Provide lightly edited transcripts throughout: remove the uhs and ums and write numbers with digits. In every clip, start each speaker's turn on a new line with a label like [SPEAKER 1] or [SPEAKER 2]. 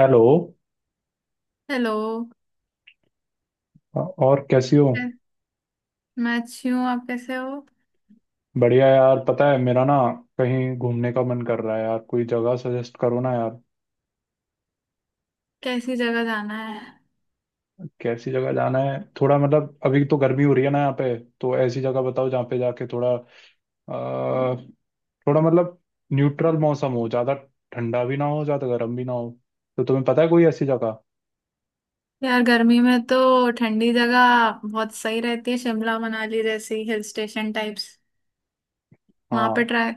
[SPEAKER 1] Hello.
[SPEAKER 2] Hello.
[SPEAKER 1] और कैसी हो?
[SPEAKER 2] मैं अच्छी हूँ, आप कैसे हो।
[SPEAKER 1] बढ़िया यार, पता है मेरा ना, कहीं घूमने का मन कर रहा है यार। कोई जगह सजेस्ट करो ना यार।
[SPEAKER 2] कैसी जगह जाना है।
[SPEAKER 1] कैसी जगह जाना है? थोड़ा, मतलब अभी तो गर्मी हो रही है ना यहाँ पे। तो ऐसी जगह बताओ जहाँ पे जाके थोड़ा, आ, थोड़ा, मतलब न्यूट्रल मौसम हो ज़्यादा। ठंडा भी ना हो, ज़्यादा गर्म भी ना हो। तो तुम्हें पता है कोई ऐसी जगह?
[SPEAKER 2] यार गर्मी में तो ठंडी जगह बहुत सही रहती है, शिमला मनाली जैसी हिल स्टेशन टाइप्स। वहां पे
[SPEAKER 1] हाँ।
[SPEAKER 2] ट्राई।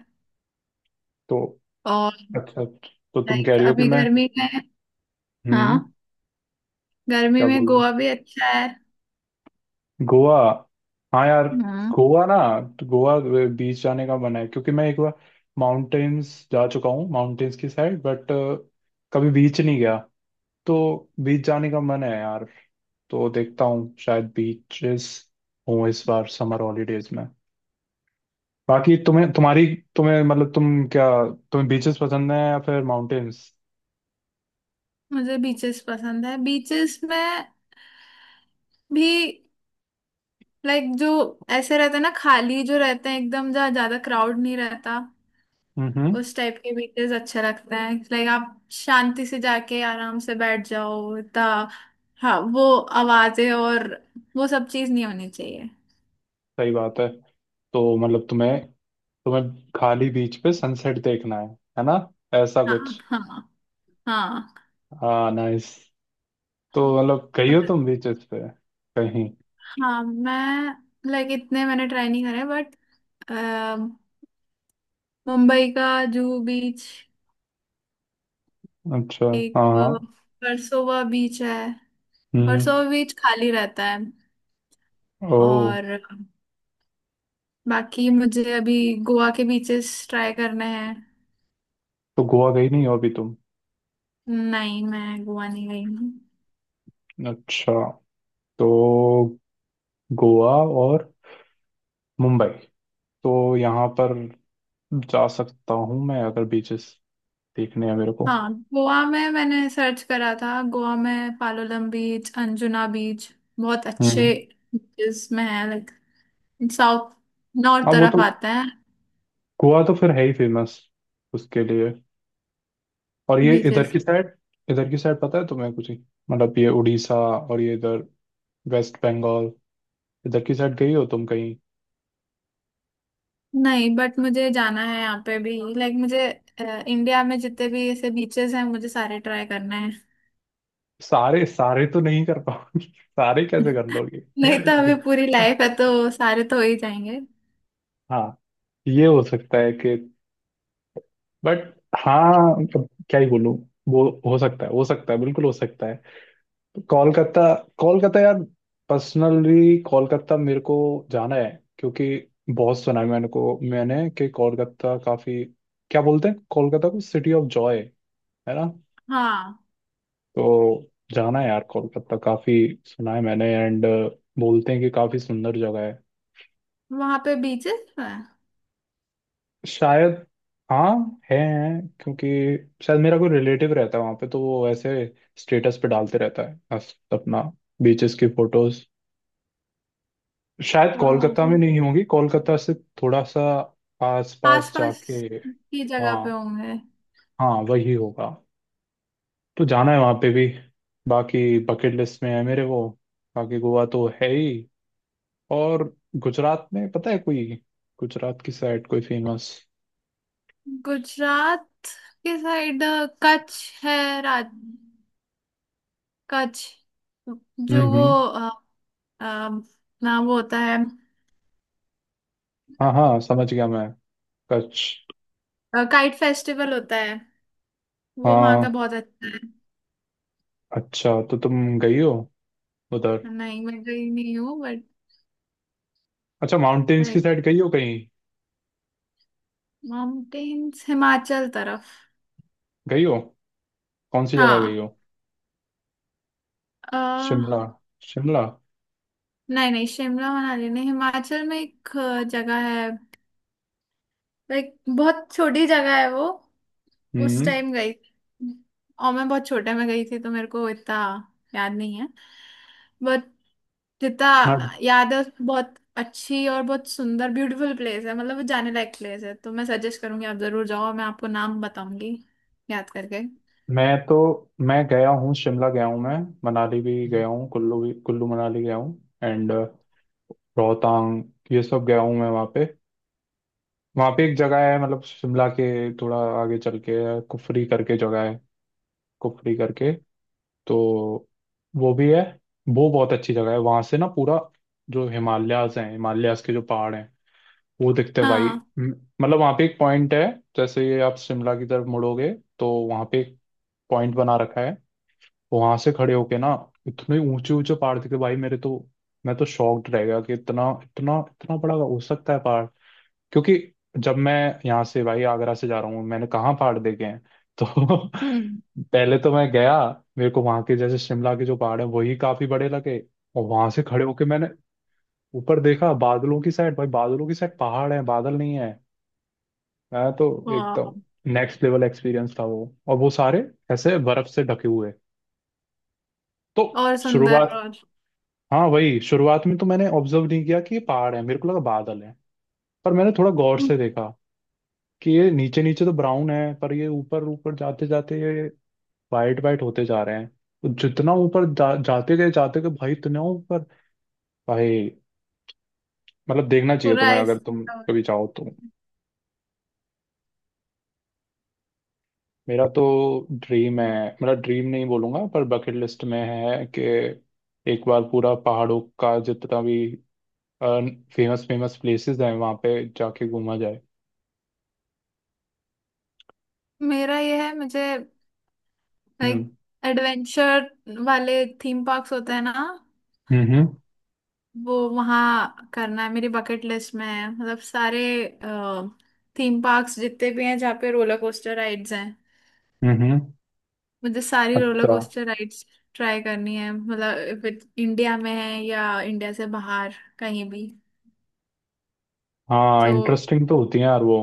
[SPEAKER 1] तो
[SPEAKER 2] और
[SPEAKER 1] अच्छा, तो तुम कह
[SPEAKER 2] लाइक
[SPEAKER 1] रही हो कि
[SPEAKER 2] अभी
[SPEAKER 1] मैं।
[SPEAKER 2] गर्मी में।
[SPEAKER 1] हम्म।
[SPEAKER 2] हाँ, गर्मी
[SPEAKER 1] क्या
[SPEAKER 2] में
[SPEAKER 1] बोल रहे हो?
[SPEAKER 2] गोवा भी अच्छा है।
[SPEAKER 1] गोवा? हाँ यार।
[SPEAKER 2] हम्म।
[SPEAKER 1] गोवा ना, तो गोवा। बीच जाने का मन है, क्योंकि मैं एक बार माउंटेन्स जा चुका हूँ, माउंटेन्स की साइड, बट कभी बीच नहीं गया। तो बीच जाने का मन है यार। तो देखता हूँ शायद बीचेस हूँ इस बार समर हॉलीडेज में। बाकी तुम्हें तुम्हारी, तुम्हें मतलब तुम क्या, तुम्हें बीचेस पसंद है या फिर माउंटेन्स?
[SPEAKER 2] मुझे बीचेस पसंद है। बीचेस में भी लाइक जो ऐसे रहते हैं ना, खाली जो रहते हैं एकदम, जहाँ ज्यादा क्राउड नहीं रहता।
[SPEAKER 1] हम्म।
[SPEAKER 2] उस टाइप के बीचेस अच्छे लगते हैं, लाइक आप शांति से जाके आराम से बैठ जाओ ता। हाँ, वो आवाजें और वो सब चीज नहीं होनी चाहिए।
[SPEAKER 1] सही बात है। तो मतलब तुम्हें, तुम्हें खाली बीच पे सनसेट देखना है ना, ऐसा कुछ।
[SPEAKER 2] हाँ, हाँ, हाँ।
[SPEAKER 1] हाँ, नाइस। तो मतलब गई हो
[SPEAKER 2] और-
[SPEAKER 1] तुम बीचेस पे कहीं?
[SPEAKER 2] हाँ, मैं लाइक इतने मैंने ट्राई नहीं करे, बट मुंबई का जुहू बीच,
[SPEAKER 1] अच्छा। हाँ
[SPEAKER 2] एक
[SPEAKER 1] हाँ।
[SPEAKER 2] वर्सोवा बीच है।
[SPEAKER 1] हम्म।
[SPEAKER 2] वर्सोवा बीच खाली रहता है।
[SPEAKER 1] ओ।
[SPEAKER 2] और बाकी मुझे अभी गोवा के बीचेस ट्राई करने हैं।
[SPEAKER 1] तो गोवा गई नहीं हो अभी तुम?
[SPEAKER 2] नहीं, मैं गोवा नहीं गई हूँ।
[SPEAKER 1] अच्छा। तो गोवा और मुंबई, तो यहाँ पर जा सकता हूँ मैं अगर बीचेस देखने हैं मेरे को।
[SPEAKER 2] हाँ, गोवा में मैंने सर्च करा था, गोवा में पालोलम बीच, अंजुना बीच बहुत अच्छे
[SPEAKER 1] हम्म।
[SPEAKER 2] बीचेस में है। लाइक साउथ नॉर्थ
[SPEAKER 1] अब वो
[SPEAKER 2] तरफ
[SPEAKER 1] तो,
[SPEAKER 2] आते हैं
[SPEAKER 1] गोवा तो फिर है ही फेमस उसके लिए। और ये इधर
[SPEAKER 2] बीचेस।
[SPEAKER 1] की साइड, इधर की साइड पता है तुम्हें कुछ ही? मतलब ये उड़ीसा और ये इधर, वेस्ट बंगाल, इधर की साइड गई हो तुम कहीं?
[SPEAKER 2] नहीं, बट मुझे जाना है यहाँ पे भी। लाइक मुझे इंडिया में जितने भी ऐसे बीचेस हैं, मुझे सारे ट्राई करना है।
[SPEAKER 1] सारे सारे तो नहीं कर पाओगे सारे कैसे कर लोगे?
[SPEAKER 2] नहीं तो अभी पूरी लाइफ है तो सारे तो हो ही जाएंगे।
[SPEAKER 1] हाँ, ये हो सकता है कि, बट हाँ, अब क्या ही बोलूं। वो हो सकता है, हो सकता है, बिल्कुल हो सकता है। कोलकाता, कोलकाता यार। पर्सनली कोलकाता मेरे को जाना है। क्योंकि बहुत सुना है मैंने कि कोलकाता काफी, क्या बोलते हैं, कोलकाता को सिटी ऑफ जॉय, है ना।
[SPEAKER 2] हाँ,
[SPEAKER 1] तो जाना है यार कोलकाता। काफी सुना है मैंने, एंड बोलते हैं कि काफी सुंदर जगह है।
[SPEAKER 2] वहाँ पे बीचेस है
[SPEAKER 1] शायद। हाँ है, हैं, क्योंकि शायद मेरा कोई रिलेटिव रहता है वहाँ पे, तो वो ऐसे स्टेटस पे डालते रहता है अपना, बीचेस की फोटोज। शायद कोलकाता में नहीं होंगी, कोलकाता से थोड़ा सा
[SPEAKER 2] आस
[SPEAKER 1] आसपास
[SPEAKER 2] पास
[SPEAKER 1] जाके।
[SPEAKER 2] की जगह पे
[SPEAKER 1] हाँ,
[SPEAKER 2] होंगे।
[SPEAKER 1] हाँ वही होगा। तो जाना है वहाँ पे भी। बाकी बकेट लिस्ट में है मेरे वो। बाकी गोवा तो है ही, और गुजरात में पता है कोई, गुजरात की साइड कोई फेमस?
[SPEAKER 2] गुजरात के साइड कच्छ है, राज कच्छ, जो वो
[SPEAKER 1] हम्म।
[SPEAKER 2] अ, ना वो होता है,
[SPEAKER 1] हाँ हाँ, समझ गया मैं। कच्छ।
[SPEAKER 2] काइट फेस्टिवल होता है, वो वहाँ का
[SPEAKER 1] हाँ।
[SPEAKER 2] बहुत अच्छा है।
[SPEAKER 1] अच्छा, तो तुम गई हो उधर?
[SPEAKER 2] नहीं, मैं गई नहीं हूँ, बट
[SPEAKER 1] अच्छा, माउंटेन्स की
[SPEAKER 2] लाइक
[SPEAKER 1] साइड गई हो कहीं?
[SPEAKER 2] माउंटेन्स हिमाचल तरफ।
[SPEAKER 1] गई हो? कौन सी जगह गई
[SPEAKER 2] हाँ।
[SPEAKER 1] हो?
[SPEAKER 2] अ,
[SPEAKER 1] शिमला? शिमला?
[SPEAKER 2] नहीं नहीं, शिमला मनाली नहीं, हिमाचल में एक जगह है, लाइक बहुत छोटी जगह है वो। उस
[SPEAKER 1] हम्म।
[SPEAKER 2] टाइम गई थी। और मैं बहुत छोटे में गई थी तो मेरे को इतना याद नहीं है, बट जितना
[SPEAKER 1] मैं
[SPEAKER 2] याद है बहुत अच्छी और बहुत सुंदर ब्यूटीफुल प्लेस है। मतलब वो जाने लायक प्लेस है, तो मैं सजेस्ट करूंगी, आप जरूर जाओ, और मैं आपको नाम बताऊंगी याद करके।
[SPEAKER 1] मैं तो, मैं गया हूँ, शिमला गया हूँ मैं। मनाली भी गया हूँ, कुल्लू भी, कुल्लू मनाली गया हूँ, एंड रोहतांग, ये सब गया हूँ मैं वहाँ पे। वहाँ पे एक जगह है, मतलब शिमला के थोड़ा आगे चल के है, कुफरी करके जगह है, कुफरी करके, तो वो भी है। वो बहुत अच्छी जगह है, वहां से ना पूरा जो हिमालयाज हैं, हिमालयाज के जो पहाड़ हैं वो दिखते हैं भाई।
[SPEAKER 2] हाँ।
[SPEAKER 1] म- मतलब वहां पे एक पॉइंट है, जैसे ये आप शिमला की तरफ मुड़ोगे तो वहां पे एक पॉइंट बना रखा है। वहां से खड़े होके ना इतने ऊंचे ऊंचे पहाड़ दिखे भाई मेरे तो। मैं तो शॉक्ड रह गया कि इतना इतना इतना बड़ा हो सकता है पहाड़। क्योंकि जब मैं यहाँ से, भाई आगरा से जा रहा हूँ, मैंने कहाँ पहाड़ देखे हैं। तो
[SPEAKER 2] हम्म।
[SPEAKER 1] पहले तो मैं गया, मेरे को वहां के, जैसे शिमला के जो पहाड़ है, वही काफी बड़े लगे। और वहां से खड़े होके मैंने ऊपर देखा बादलों की साइड, भाई बादलों की साइड पहाड़ है, बादल नहीं है। मैं तो
[SPEAKER 2] वाह।
[SPEAKER 1] एकदम नेक्स्ट लेवल एक्सपीरियंस था वो। और वो सारे ऐसे बर्फ से ढके हुए। तो
[SPEAKER 2] और सुंदर
[SPEAKER 1] शुरुआत,
[SPEAKER 2] और
[SPEAKER 1] हाँ वही, शुरुआत में तो मैंने ऑब्जर्व नहीं किया कि ये पहाड़ है, मेरे को लगा बादल है। पर मैंने थोड़ा गौर से देखा कि ये नीचे नीचे तो ब्राउन है, पर ये ऊपर ऊपर जाते जाते ये वाइट वाइट होते जा रहे हैं। तो जितना ऊपर जाते गए भाई इतना ऊपर। भाई मतलब देखना चाहिए
[SPEAKER 2] पूरा
[SPEAKER 1] तुम्हें, अगर
[SPEAKER 2] इस।
[SPEAKER 1] तुम कभी चाहो तो। मेरा तो ड्रीम है, मेरा ड्रीम नहीं बोलूंगा, पर बकेट लिस्ट में है कि एक बार पूरा पहाड़ों का जितना भी फेमस फेमस प्लेसेस हैं वहाँ पे जाके घूमा जाए।
[SPEAKER 2] मेरा ये है, मुझे
[SPEAKER 1] हम्म
[SPEAKER 2] लाइक एडवेंचर वाले थीम पार्क्स होते हैं ना,
[SPEAKER 1] हम्म।
[SPEAKER 2] वो वहाँ करना है। मेरी बकेट लिस्ट में है, मतलब सारे थीम पार्क्स जितने भी हैं, जहाँ पे रोलर कोस्टर राइड्स हैं,
[SPEAKER 1] हम्म हम्म,
[SPEAKER 2] मुझे सारी रोलर
[SPEAKER 1] अच्छा।
[SPEAKER 2] कोस्टर राइड्स ट्राई करनी है। मतलब इफ इंडिया में है या इंडिया से बाहर कहीं भी।
[SPEAKER 1] हाँ
[SPEAKER 2] तो
[SPEAKER 1] इंटरेस्टिंग तो होती है यार वो।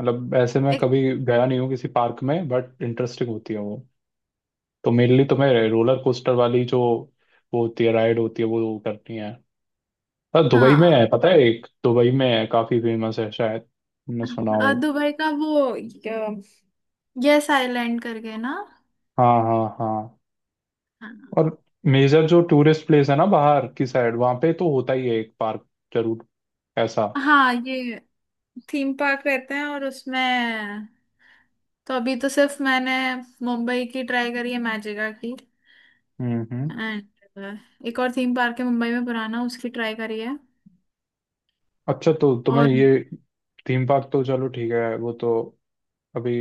[SPEAKER 1] मतलब ऐसे मैं
[SPEAKER 2] एक,
[SPEAKER 1] कभी गया नहीं हूँ किसी पार्क में, बट इंटरेस्टिंग होती है वो। तो मेनली तो मैं रोलर कोस्टर वाली जो वो होती है, राइड होती है, वो करनी है। हाँ, दुबई में
[SPEAKER 2] हाँ,
[SPEAKER 1] है, पता है एक, दुबई में है काफी फेमस है, शायद तुमने सुना हो।
[SPEAKER 2] दुबई का वो यस आइलैंड करके ना।
[SPEAKER 1] हाँ हाँ हाँ।
[SPEAKER 2] हाँ,
[SPEAKER 1] और मेजर जो टूरिस्ट प्लेस है ना, बाहर की साइड, वहाँ पे तो होता ही है एक पार्क जरूर, ऐसा।
[SPEAKER 2] हाँ, ये थीम पार्क रहते हैं और उसमें तो अभी तो सिर्फ मैंने मुंबई की ट्राई करी है, मैजिका की।
[SPEAKER 1] हम्म।
[SPEAKER 2] एंड एक और थीम पार्क है मुंबई में पुराना, उसकी ट्राई करी है।
[SPEAKER 1] अच्छा, तो तुम्हें
[SPEAKER 2] और
[SPEAKER 1] ये थीम पार्क, तो चलो ठीक है, वो तो अभी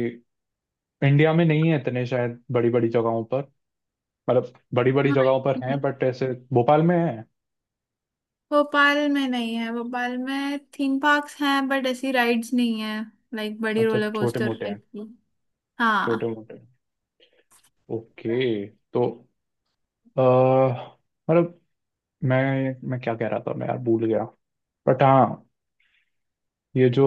[SPEAKER 1] इंडिया में नहीं है इतने, शायद बड़ी बड़ी जगहों पर, मतलब बड़ी बड़ी
[SPEAKER 2] हाँ
[SPEAKER 1] जगहों पर हैं बट ऐसे। भोपाल में है?
[SPEAKER 2] भोपाल में नहीं है, भोपाल में थीम पार्क्स हैं बट ऐसी राइड्स नहीं है, लाइक बड़ी
[SPEAKER 1] अच्छा,
[SPEAKER 2] रोलर
[SPEAKER 1] छोटे
[SPEAKER 2] कोस्टर
[SPEAKER 1] मोटे हैं।
[SPEAKER 2] टाइप की।
[SPEAKER 1] छोटे
[SPEAKER 2] हाँ।
[SPEAKER 1] मोटे हैं। ओके। तो अ, मतलब मैं क्या कह रहा था मैं, यार भूल गया, बट हाँ, ये जो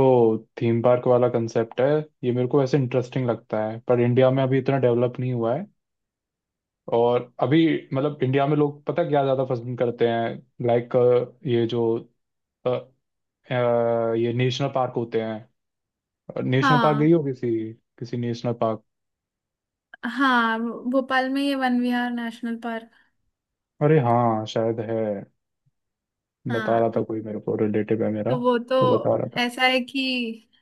[SPEAKER 1] थीम पार्क वाला कंसेप्ट है, ये मेरे को वैसे इंटरेस्टिंग लगता है, पर इंडिया में अभी इतना डेवलप नहीं हुआ है। और अभी मतलब इंडिया में लोग पता क्या ज़्यादा पसंद करते हैं, लाइक ये जो अ, ये नेशनल पार्क होते हैं। नेशनल पार्क
[SPEAKER 2] हाँ,
[SPEAKER 1] गई हो किसी, किसी नेशनल पार्क?
[SPEAKER 2] हाँ, भोपाल में ये वन विहार नेशनल पार्क।
[SPEAKER 1] अरे हाँ शायद है, बता रहा
[SPEAKER 2] हाँ,
[SPEAKER 1] था कोई, मेरे को रिलेटिव है मेरा,
[SPEAKER 2] तो वो तो
[SPEAKER 1] वो बता रहा था।
[SPEAKER 2] ऐसा है कि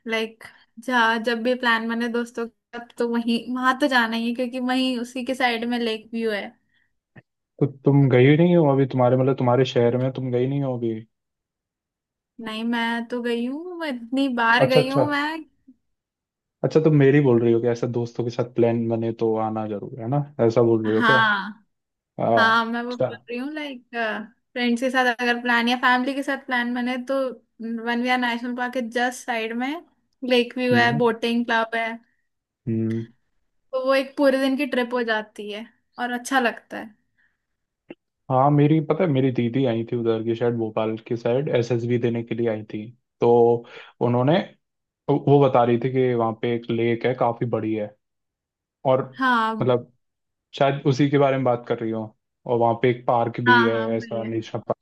[SPEAKER 2] लाइक जहाँ जब भी प्लान बने दोस्तों का, तब तो वहीं, वहां तो जाना ही है, क्योंकि वहीं उसी के साइड में लेक व्यू है।
[SPEAKER 1] तो तुम गई नहीं हो अभी तुम्हारे, मतलब तुम्हारे शहर में तुम गई नहीं हो अभी?
[SPEAKER 2] नहीं, मैं तो गई हूँ, मैं इतनी बार
[SPEAKER 1] अच्छा
[SPEAKER 2] गई
[SPEAKER 1] अच्छा।
[SPEAKER 2] हूँ मैं।
[SPEAKER 1] अच्छा, तुम मेरी बोल रही हो कि ऐसा दोस्तों के साथ प्लान बने तो आना जरूर है ना, ऐसा बोल रही हो क्या?
[SPEAKER 2] हाँ।
[SPEAKER 1] हाँ,
[SPEAKER 2] हाँ, मैं वो
[SPEAKER 1] अच्छा।
[SPEAKER 2] बोल रही हूँ, लाइक फ्रेंड्स के साथ अगर प्लान या फैमिली के साथ प्लान बने तो वनविहार नेशनल पार्क के जस्ट साइड में लेक व्यू है,
[SPEAKER 1] हम्म
[SPEAKER 2] बोटिंग क्लब है।
[SPEAKER 1] हम्म।
[SPEAKER 2] तो वो एक पूरे दिन की ट्रिप हो जाती है और अच्छा लगता है।
[SPEAKER 1] हाँ मेरी, पता है मेरी दीदी आई थी उधर की, शायद भोपाल की साइड एसएसबी देने के लिए आई थी। तो उन्होंने, वो बता रही थी कि वहाँ पे एक लेक है काफी बड़ी है, और
[SPEAKER 2] हाँ,
[SPEAKER 1] मतलब शायद उसी के बारे में बात कर रही हूँ, और वहाँ पे एक पार्क
[SPEAKER 2] हाँ,
[SPEAKER 1] भी है
[SPEAKER 2] हाँ वही
[SPEAKER 1] ऐसा,
[SPEAKER 2] है
[SPEAKER 1] नेशनल पार्क।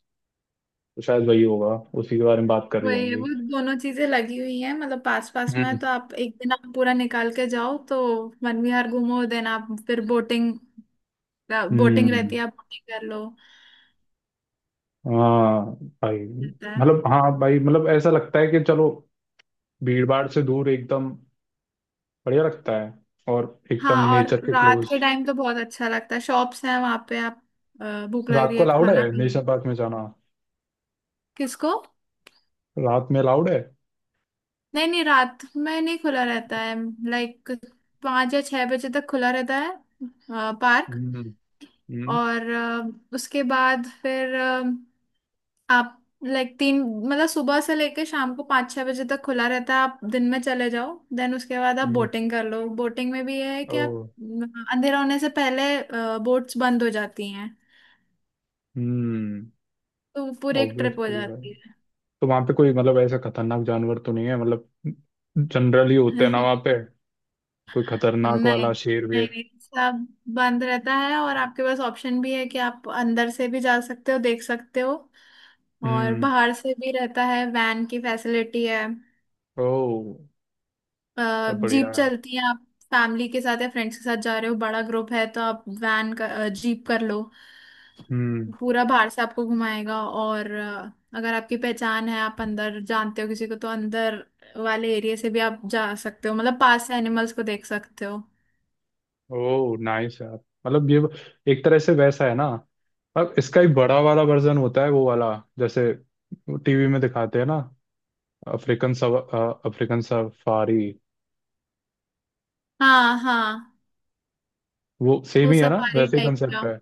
[SPEAKER 1] तो शायद वही होगा, उसी के बारे में बात कर रही
[SPEAKER 2] वही है,
[SPEAKER 1] होंगी।
[SPEAKER 2] वो दोनों चीजें लगी हुई हैं, मतलब पास पास में है।
[SPEAKER 1] हम्म
[SPEAKER 2] तो आप एक दिन आप पूरा निकाल के जाओ तो वनविहार घूमो, देन आप फिर बोटिंग, बोटिंग
[SPEAKER 1] हम्म।
[SPEAKER 2] रहती है, आप बोटिंग कर लो,
[SPEAKER 1] हाँ भाई,
[SPEAKER 2] रहता है।
[SPEAKER 1] मतलब हाँ भाई, मतलब ऐसा लगता है कि चलो भीड़ भाड़ से दूर, एकदम बढ़िया लगता है। और एकदम
[SPEAKER 2] हाँ, और
[SPEAKER 1] नेचर के
[SPEAKER 2] रात
[SPEAKER 1] क्लोज।
[SPEAKER 2] के टाइम तो बहुत अच्छा लगता है, शॉप्स हैं वहां पे, आप भूख लग
[SPEAKER 1] रात
[SPEAKER 2] रही
[SPEAKER 1] को
[SPEAKER 2] है
[SPEAKER 1] अलाउड
[SPEAKER 2] खाना
[SPEAKER 1] है
[SPEAKER 2] खा लो।
[SPEAKER 1] नेशनल पार्क में जाना?
[SPEAKER 2] किसको।
[SPEAKER 1] रात में अलाउड है?
[SPEAKER 2] नहीं नहीं, रात में नहीं खुला रहता है। लाइक 5 या 6 बजे तक खुला रहता है पार्क।
[SPEAKER 1] हम्म हम्म।
[SPEAKER 2] और उसके बाद फिर आप लाइक तीन, मतलब सुबह से लेके शाम को 5 6 बजे तक खुला रहता है, आप दिन में चले जाओ, देन उसके बाद आप
[SPEAKER 1] हम्म।
[SPEAKER 2] बोटिंग कर लो। बोटिंग में भी ये है कि
[SPEAKER 1] ओ।
[SPEAKER 2] आप, अम, अंधेरा होने से पहले बोट्स बंद हो जाती हैं,
[SPEAKER 1] हम्म।
[SPEAKER 2] तो पूरी एक ट्रिप हो
[SPEAKER 1] ऑब्वियसली भाई।
[SPEAKER 2] जाती है।
[SPEAKER 1] तो वहां पे कोई मतलब ऐसा खतरनाक जानवर तो नहीं है मतलब, जनरली होते हैं ना वहां पे, कोई
[SPEAKER 2] नहीं
[SPEAKER 1] खतरनाक वाला शेर
[SPEAKER 2] नहीं,
[SPEAKER 1] वेर?
[SPEAKER 2] नहीं, सब बंद रहता है, और आपके पास ऑप्शन भी है कि आप अंदर से भी जा सकते हो, देख सकते हो, और
[SPEAKER 1] हम्म।
[SPEAKER 2] बाहर से भी रहता है, वैन की फैसिलिटी है,
[SPEAKER 1] ओ। सब बढ़िया
[SPEAKER 2] जीप
[SPEAKER 1] यार।
[SPEAKER 2] चलती है। आप फैमिली के साथ या फ्रेंड्स के साथ जा रहे हो, बड़ा ग्रुप है तो आप वैन का, जीप कर लो,
[SPEAKER 1] हम्म।
[SPEAKER 2] पूरा बाहर से आपको घुमाएगा। और अगर आपकी पहचान है, आप अंदर जानते हो किसी को, तो अंदर वाले एरिया से भी आप जा सकते हो, मतलब पास से एनिमल्स को देख सकते हो।
[SPEAKER 1] ओ नाइस यार। मतलब ये एक तरह से वैसा है ना, अब इसका एक बड़ा वाला वर्जन होता है वो वाला, जैसे टीवी में दिखाते हैं ना, अफ्रीकन सव, अफ्रीकन सफारी,
[SPEAKER 2] हाँ, हाँ,
[SPEAKER 1] वो सेम
[SPEAKER 2] वो
[SPEAKER 1] ही है ना,
[SPEAKER 2] सफारी
[SPEAKER 1] वैसे ही
[SPEAKER 2] टाइप का।
[SPEAKER 1] कंसेप्ट है।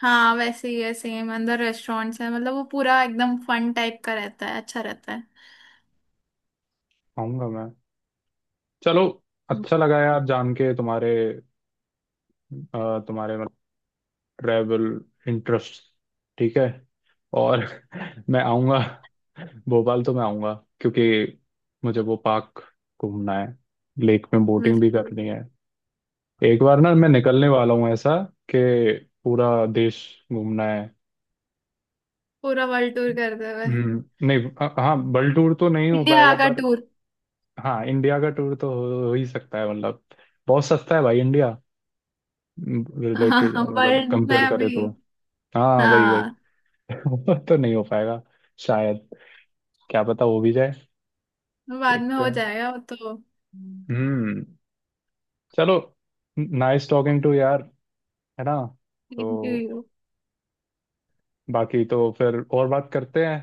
[SPEAKER 2] हाँ, वैसे ही है सेम, अंदर रेस्टोरेंट्स है, मतलब वो पूरा एकदम फन टाइप का रहता है, अच्छा रहता है।
[SPEAKER 1] आऊंगा मैं, चलो।
[SPEAKER 2] हम्म।
[SPEAKER 1] अच्छा लगा यार जान के तुम्हारे, तुम्हारे ट्रैवल इंटरेस्ट। ठीक है। और मैं आऊँगा, भोपाल तो मैं आऊँगा, क्योंकि मुझे वो पार्क घूमना है, लेक में बोटिंग भी
[SPEAKER 2] बिल्कुल,
[SPEAKER 1] करनी है। एक बार ना मैं निकलने वाला हूँ ऐसा कि पूरा देश घूमना है।
[SPEAKER 2] पूरा वर्ल्ड टूर करते हुए।
[SPEAKER 1] नहीं हाँ, वर्ल्ड टूर तो नहीं हो
[SPEAKER 2] इंडिया
[SPEAKER 1] पाएगा
[SPEAKER 2] का
[SPEAKER 1] पर,
[SPEAKER 2] टूर।
[SPEAKER 1] हाँ इंडिया का टूर तो हो ही सकता है, मतलब बहुत सस्ता है भाई इंडिया रिलेटेड,
[SPEAKER 2] हाँ
[SPEAKER 1] मतलब
[SPEAKER 2] वर्ल्ड में
[SPEAKER 1] कंपेयर करे
[SPEAKER 2] अभी।
[SPEAKER 1] तो। हाँ वही वही।
[SPEAKER 2] हाँ,
[SPEAKER 1] वो तो नहीं हो पाएगा शायद, क्या पता हो भी जाए।
[SPEAKER 2] बाद में
[SPEAKER 1] देखते
[SPEAKER 2] हो
[SPEAKER 1] हैं।
[SPEAKER 2] जाएगा वो तो। हम्म।
[SPEAKER 1] हम्म। चलो। नाइस टॉकिंग टू यार, है ना। तो
[SPEAKER 2] थैंक यू।
[SPEAKER 1] बाकी तो फिर और बात करते हैं,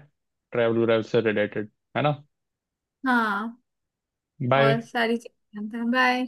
[SPEAKER 1] ट्रैवल वैवल से रिलेटेड, है ना।
[SPEAKER 2] हाँ और
[SPEAKER 1] बाय।
[SPEAKER 2] सारी चीजें। बाय।